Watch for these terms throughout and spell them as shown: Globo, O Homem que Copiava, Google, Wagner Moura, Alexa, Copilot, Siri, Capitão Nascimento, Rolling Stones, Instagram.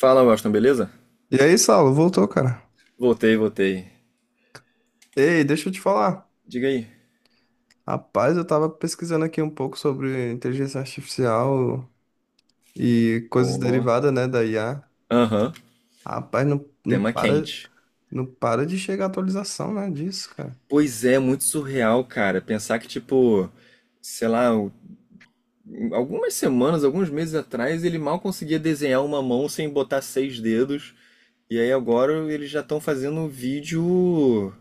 Fala, Washington, beleza? E aí, Saulo, voltou, cara. Voltei, voltei. Ei, deixa eu te falar. Diga aí. Rapaz, eu tava pesquisando aqui um pouco sobre inteligência artificial e coisas Pô, derivadas, né, da IA. aham, Rapaz, tema quente. não para de chegar atualização, né, disso, cara. Pois é, muito surreal, cara. Pensar que, tipo, sei lá, algumas semanas, alguns meses atrás, ele mal conseguia desenhar uma mão sem botar seis dedos. E aí agora eles já estão fazendo um vídeo.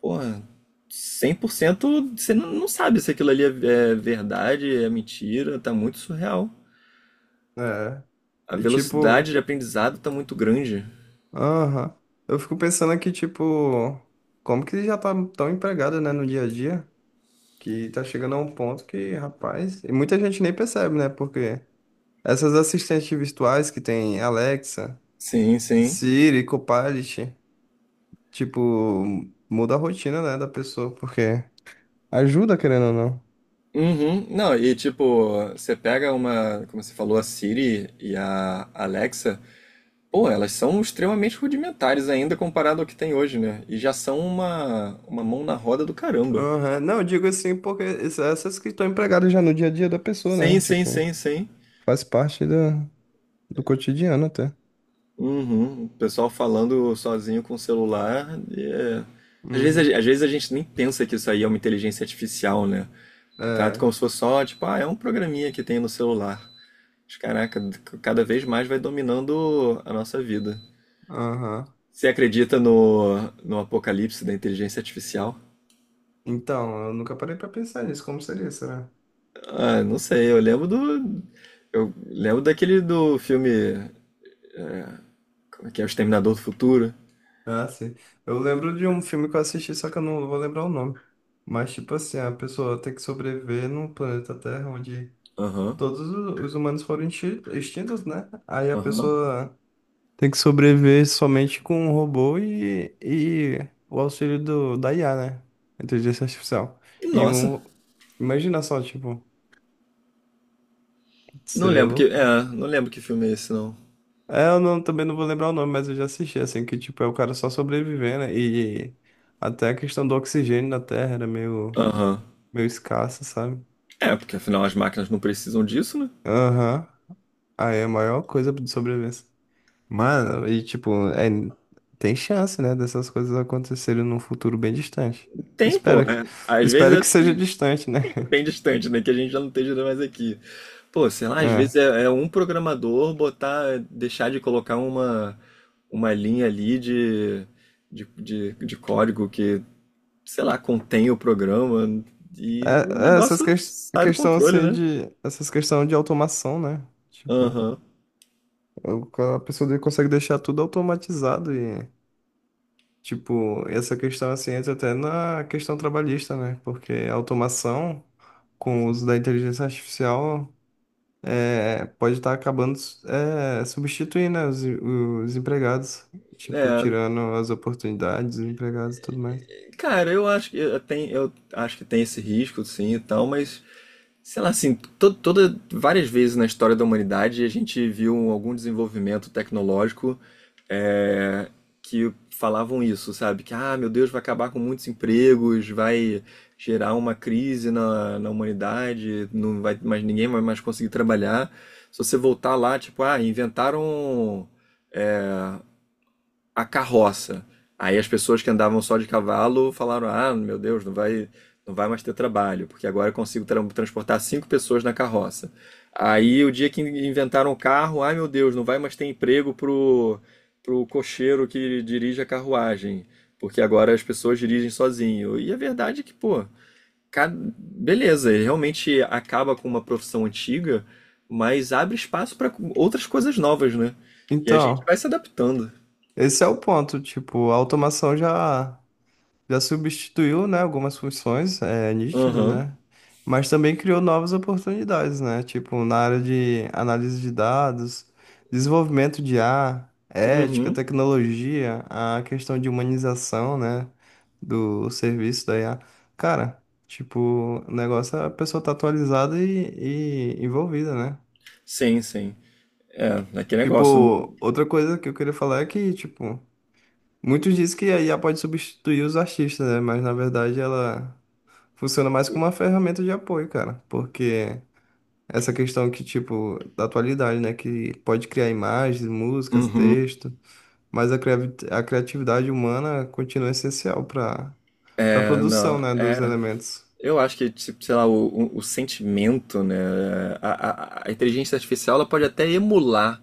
Porra, 100% você não sabe se aquilo ali é verdade, é mentira. Tá muito surreal. É. A E velocidade tipo, de aprendizado tá muito grande. aham. Eu fico pensando aqui, tipo, como que já tá tão empregada, né, no dia a dia, que tá chegando a um ponto que, rapaz, e muita gente nem percebe, né, porque essas assistentes virtuais que tem Alexa, Sim, sim. Siri, Copilot, tipo, muda a rotina, né, da pessoa, porque ajuda, querendo ou não. Uhum. Não, e tipo, você pega uma, como você falou, a Siri e a Alexa, pô, elas são extremamente rudimentares ainda comparado ao que tem hoje, né? E já são uma mão na roda do caramba. Aham. Não, eu digo assim, porque essas que estão empregadas já no dia a dia da pessoa, Sim, né? sim, Tipo, sim, sim. faz parte do cotidiano até. Uhum. O pessoal falando sozinho com o celular. Às vezes, Uhum. Às vezes a gente nem pensa que isso aí é uma inteligência artificial, né? Trata como É, se fosse só, tipo, ah, é um programinha que tem no celular. Mas, caraca, cada vez mais vai dominando a nossa vida. aham. Você acredita no apocalipse da inteligência artificial? Então, eu nunca parei pra pensar nisso, como seria, será? Ah, não sei, eu lembro do. Eu lembro daquele do filme. Como é que é? O Exterminador do Futuro. Ah, sim. Eu lembro de um filme que eu assisti, só que eu não vou lembrar o nome. Mas, tipo assim, a pessoa tem que sobreviver num planeta Terra onde Aham, todos os humanos foram extintos, né? Aí a aham. pessoa tem que sobreviver somente com um robô e o auxílio do, da IA, né? Inteligência artificial. E Nossa, um. Imagina só, tipo, não seria lembro que. louco. É, não lembro que filme é esse, não. É, eu não, também não vou lembrar o nome, mas eu já assisti, assim, que, tipo, é o cara só sobrevivendo, né? E até a questão do oxigênio na Terra era meio, Aham. meio escassa, sabe? É, porque afinal as máquinas não precisam disso, né? Aham. Aí é a maior coisa de sobrevivência. Mano, e tipo, é, tem chance, né, dessas coisas acontecerem num futuro bem distante. Tem, pô. Espero, É. Às espero que vezes. É. seja distante, né? Bem distante, né? Que a gente já não esteja mais aqui. Pô, sei lá, às É. vezes é, é um programador botar, deixar de colocar uma linha ali de, de código que, sei lá, contém o programa e o É- é essas negócio questões sai do questão controle, assim né? de essas questão de automação, né? Tipo, Aham. A pessoa consegue deixar tudo automatizado e tipo, essa questão assim entra até na questão trabalhista, né? Porque a automação com o uso da inteligência artificial é, pode estar acabando, é, substituindo, né, os empregados, tipo, É, tirando as oportunidades dos empregados e tudo mais. cara, eu acho que eu tem, eu acho que tem esse risco, sim, e tal, mas sei lá, assim, to toda, várias vezes na história da humanidade a gente viu um, algum desenvolvimento tecnológico é, que falavam isso, sabe? Que, ah, meu Deus, vai acabar com muitos empregos, vai gerar uma crise na humanidade, não vai, mas ninguém vai mais conseguir trabalhar. Se você voltar lá, tipo, ah, inventaram a carroça. Aí as pessoas que andavam só de cavalo falaram: ah, meu Deus, não vai mais ter trabalho, porque agora eu consigo transportar cinco pessoas na carroça. Aí o dia que inventaram o carro, ai meu Deus, não vai mais ter emprego pro cocheiro que dirige a carruagem, porque agora as pessoas dirigem sozinho. E a verdade é que, pô, beleza, ele realmente acaba com uma profissão antiga, mas abre espaço para outras coisas novas, né? E a gente Então, vai se adaptando. esse é o ponto, tipo, a automação já. Já substituiu, né, algumas funções, é nítido, Aham. né? Mas também criou novas oportunidades, né? Tipo, na área de análise de dados, desenvolvimento de IA, ética, Uhum. tecnologia, a questão de humanização, né, do serviço da IA. Cara, tipo, o negócio é a pessoa tá atualizada e envolvida, né? Sim, sim. É, aquele negócio. Tipo, outra coisa que eu queria falar é que, tipo, muitos dizem que a IA pode substituir os artistas, né? Mas na verdade ela funciona mais como uma ferramenta de apoio, cara, porque essa questão que, tipo, da atualidade, né, que pode criar imagens, músicas, Uhum. texto, mas a a criatividade humana continua essencial para a É, produção, não, né, dos é. elementos. Eu acho que, tipo, sei lá, o, o sentimento, né? A, a inteligência artificial ela pode até emular,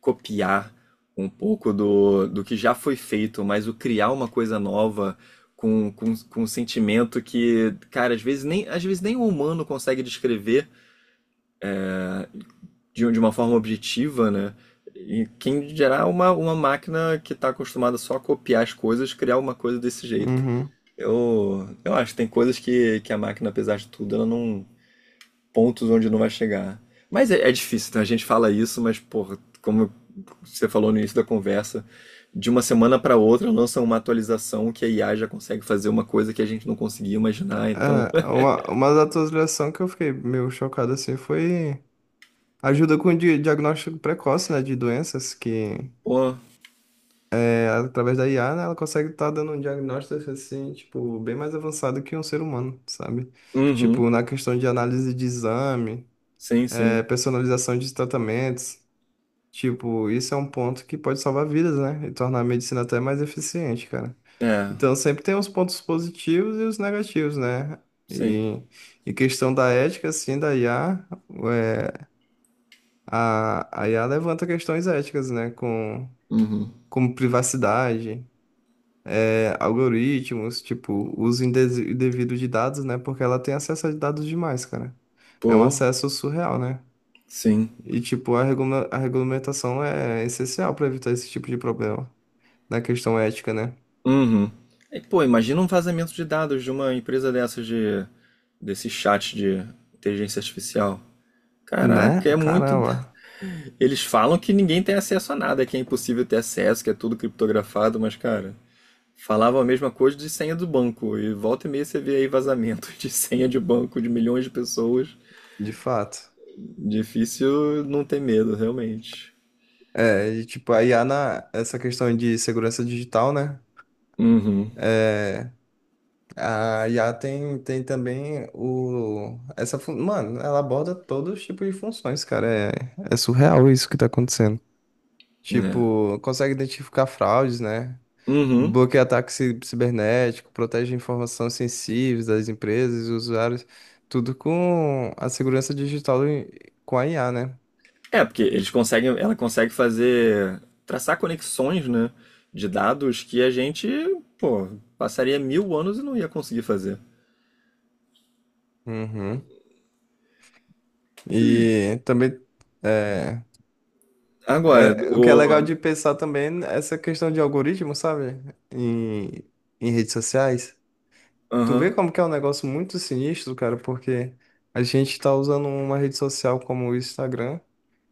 copiar um pouco do, do que já foi feito, mas o criar uma coisa nova com um sentimento que, cara, às vezes nem o humano consegue descrever, de uma forma objetiva, né? E quem gerar uma máquina que está acostumada só a copiar as coisas, criar uma coisa desse jeito. Uhum. Eu acho que tem coisas que a máquina, apesar de tudo, ela não. Pontos onde não vai chegar. Mas é, é difícil, né? A gente fala isso, mas, porra, como você falou no início da conversa, de uma semana para outra lança uma atualização que a IA já consegue fazer uma coisa que a gente não conseguia imaginar, então. É, uma das atualizações que eu fiquei meio chocado, assim, foi ajuda com o diagnóstico precoce, né, de doenças que... Pô, É, através da IA, né, ela consegue estar dando um diagnóstico assim, tipo, bem mais avançado que um ser humano, sabe? uhum, Tipo, na questão de análise de exame, sim, sim. é, personalização de tratamentos, tipo, isso é um ponto que pode salvar vidas, né? E tornar a medicina até mais eficiente, cara. É, Então, sempre tem os pontos positivos e os negativos, né? sim, E, e questão da ética, assim, da IA, é, a IA levanta questões éticas, né? Com, uhum. como privacidade, é, algoritmos, tipo, uso indevido de dados, né? Porque ela tem acesso a dados demais, cara. É um Pô, acesso surreal, né? sim. E, tipo, a a regulamentação é essencial para evitar esse tipo de problema na questão ética, né? Uhum. E, pô, imagina um vazamento de dados de uma empresa dessas de desse chat de inteligência artificial. Né? Caraca, é muito. Caramba, Eles falam que ninguém tem acesso a nada, que é impossível ter acesso, que é tudo criptografado, mas, cara, falavam a mesma coisa de senha do banco. E volta e meia você vê aí vazamento de senha de banco de milhões de pessoas. de fato. Difícil não ter medo, realmente. É, e, tipo, a IA na essa questão de segurança digital, né? Uhum. É, a IA tem, tem também o essa mano, ela aborda todos os tipos de funções, cara. É, é surreal isso que tá acontecendo. É. Tipo, consegue identificar fraudes, né? Uhum. Bloqueia ataque cibernético, protege informações sensíveis das empresas e usuários, tudo com a segurança digital com a IA, né? É, porque eles conseguem, ela consegue fazer, traçar conexões, né, de dados que a gente, pô, passaria 1.000 anos e não ia conseguir fazer. Uhum. E também é, Agora, é, o que é legal o. de pensar também é essa questão de algoritmo, sabe? Em, em redes sociais. Tu vê Aham. como que é um negócio muito sinistro, cara, porque a gente tá usando uma rede social como o Instagram.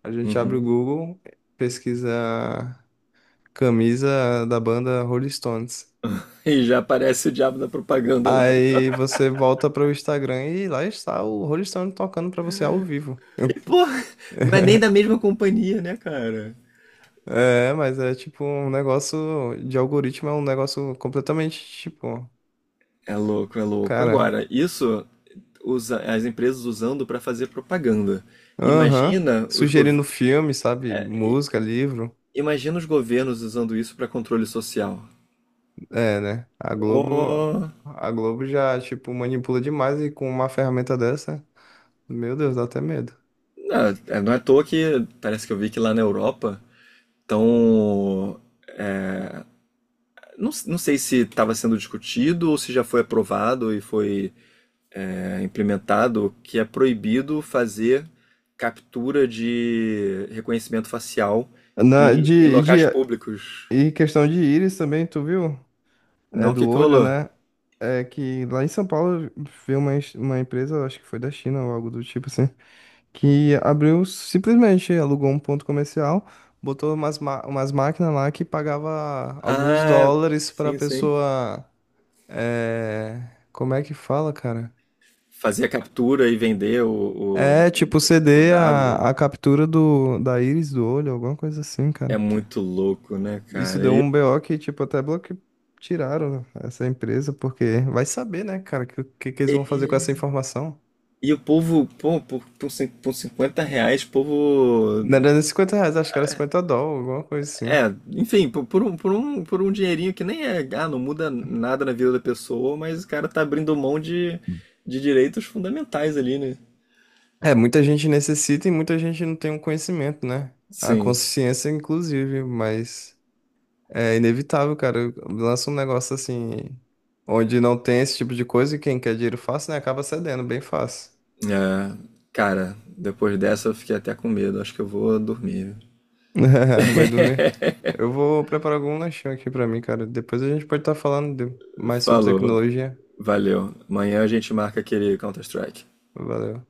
A gente abre Uhum. o Google, pesquisa camisa da banda Rolling Stones. E já aparece o diabo da propaganda lá. Aí você volta para o Instagram e lá está o Rolling Stone tocando para você ao vivo. E, pô, não é nem da mesma companhia, né, cara? É, mas é tipo um negócio de algoritmo, é um negócio completamente tipo, É louco, é louco. cara, Agora, isso usa, as empresas usando para fazer propaganda. aham, Imagina os, gov- sugerindo filme, sabe? Música, livro. Imagina os governos usando isso para controle social. É, né? Oh. A Globo já tipo manipula demais e com uma ferramenta dessa, meu Deus, dá até medo. Não, é, não é à toa que parece que eu vi que lá na Europa estão. Não, não sei se estava sendo discutido ou se já foi aprovado e foi é, implementado que é proibido fazer captura de reconhecimento facial Na, e, em de, de locais públicos. E questão de íris também, tu viu? Não, É o que do que olho, rolou? né? É que lá em São Paulo veio uma, uma empresa, acho que foi da China ou algo do tipo assim, que abriu simplesmente, alugou um ponto comercial, botou umas, umas máquinas lá que pagava alguns Ah, dólares pra sim, sim. pessoa. É... Como é que fala, cara? Fazer a captura e vender o, É tipo o ceder dado né? a captura do, da íris do olho, alguma coisa assim, É cara. muito louco, né, Isso cara? deu um BO que, tipo, até bloque... tiraram essa empresa, porque vai saber, né, cara, o que, que eles vão fazer com essa informação. E o povo, pô, por 50 reais, o povo. Não era nem 50 reais, acho que era 50 dólares, alguma coisa assim. É, enfim, por um dinheirinho que nem é. Ah, não muda nada na vida da pessoa, mas o cara tá abrindo mão de direitos fundamentais ali, né? É, muita gente necessita e muita gente não tem um conhecimento, né? A Sim. consciência, inclusive, mas é inevitável, cara. Lança um negócio assim, onde não tem esse tipo de coisa e quem quer dinheiro fácil, né, acaba cedendo bem fácil. É, cara, depois dessa eu fiquei até com medo. Acho que eu vou dormir. Vai dormir. Eu vou preparar algum lanchão aqui pra mim, cara. Depois a gente pode estar falando mais sobre Falou. tecnologia. Valeu. Amanhã a gente marca aquele Counter-Strike. Valeu.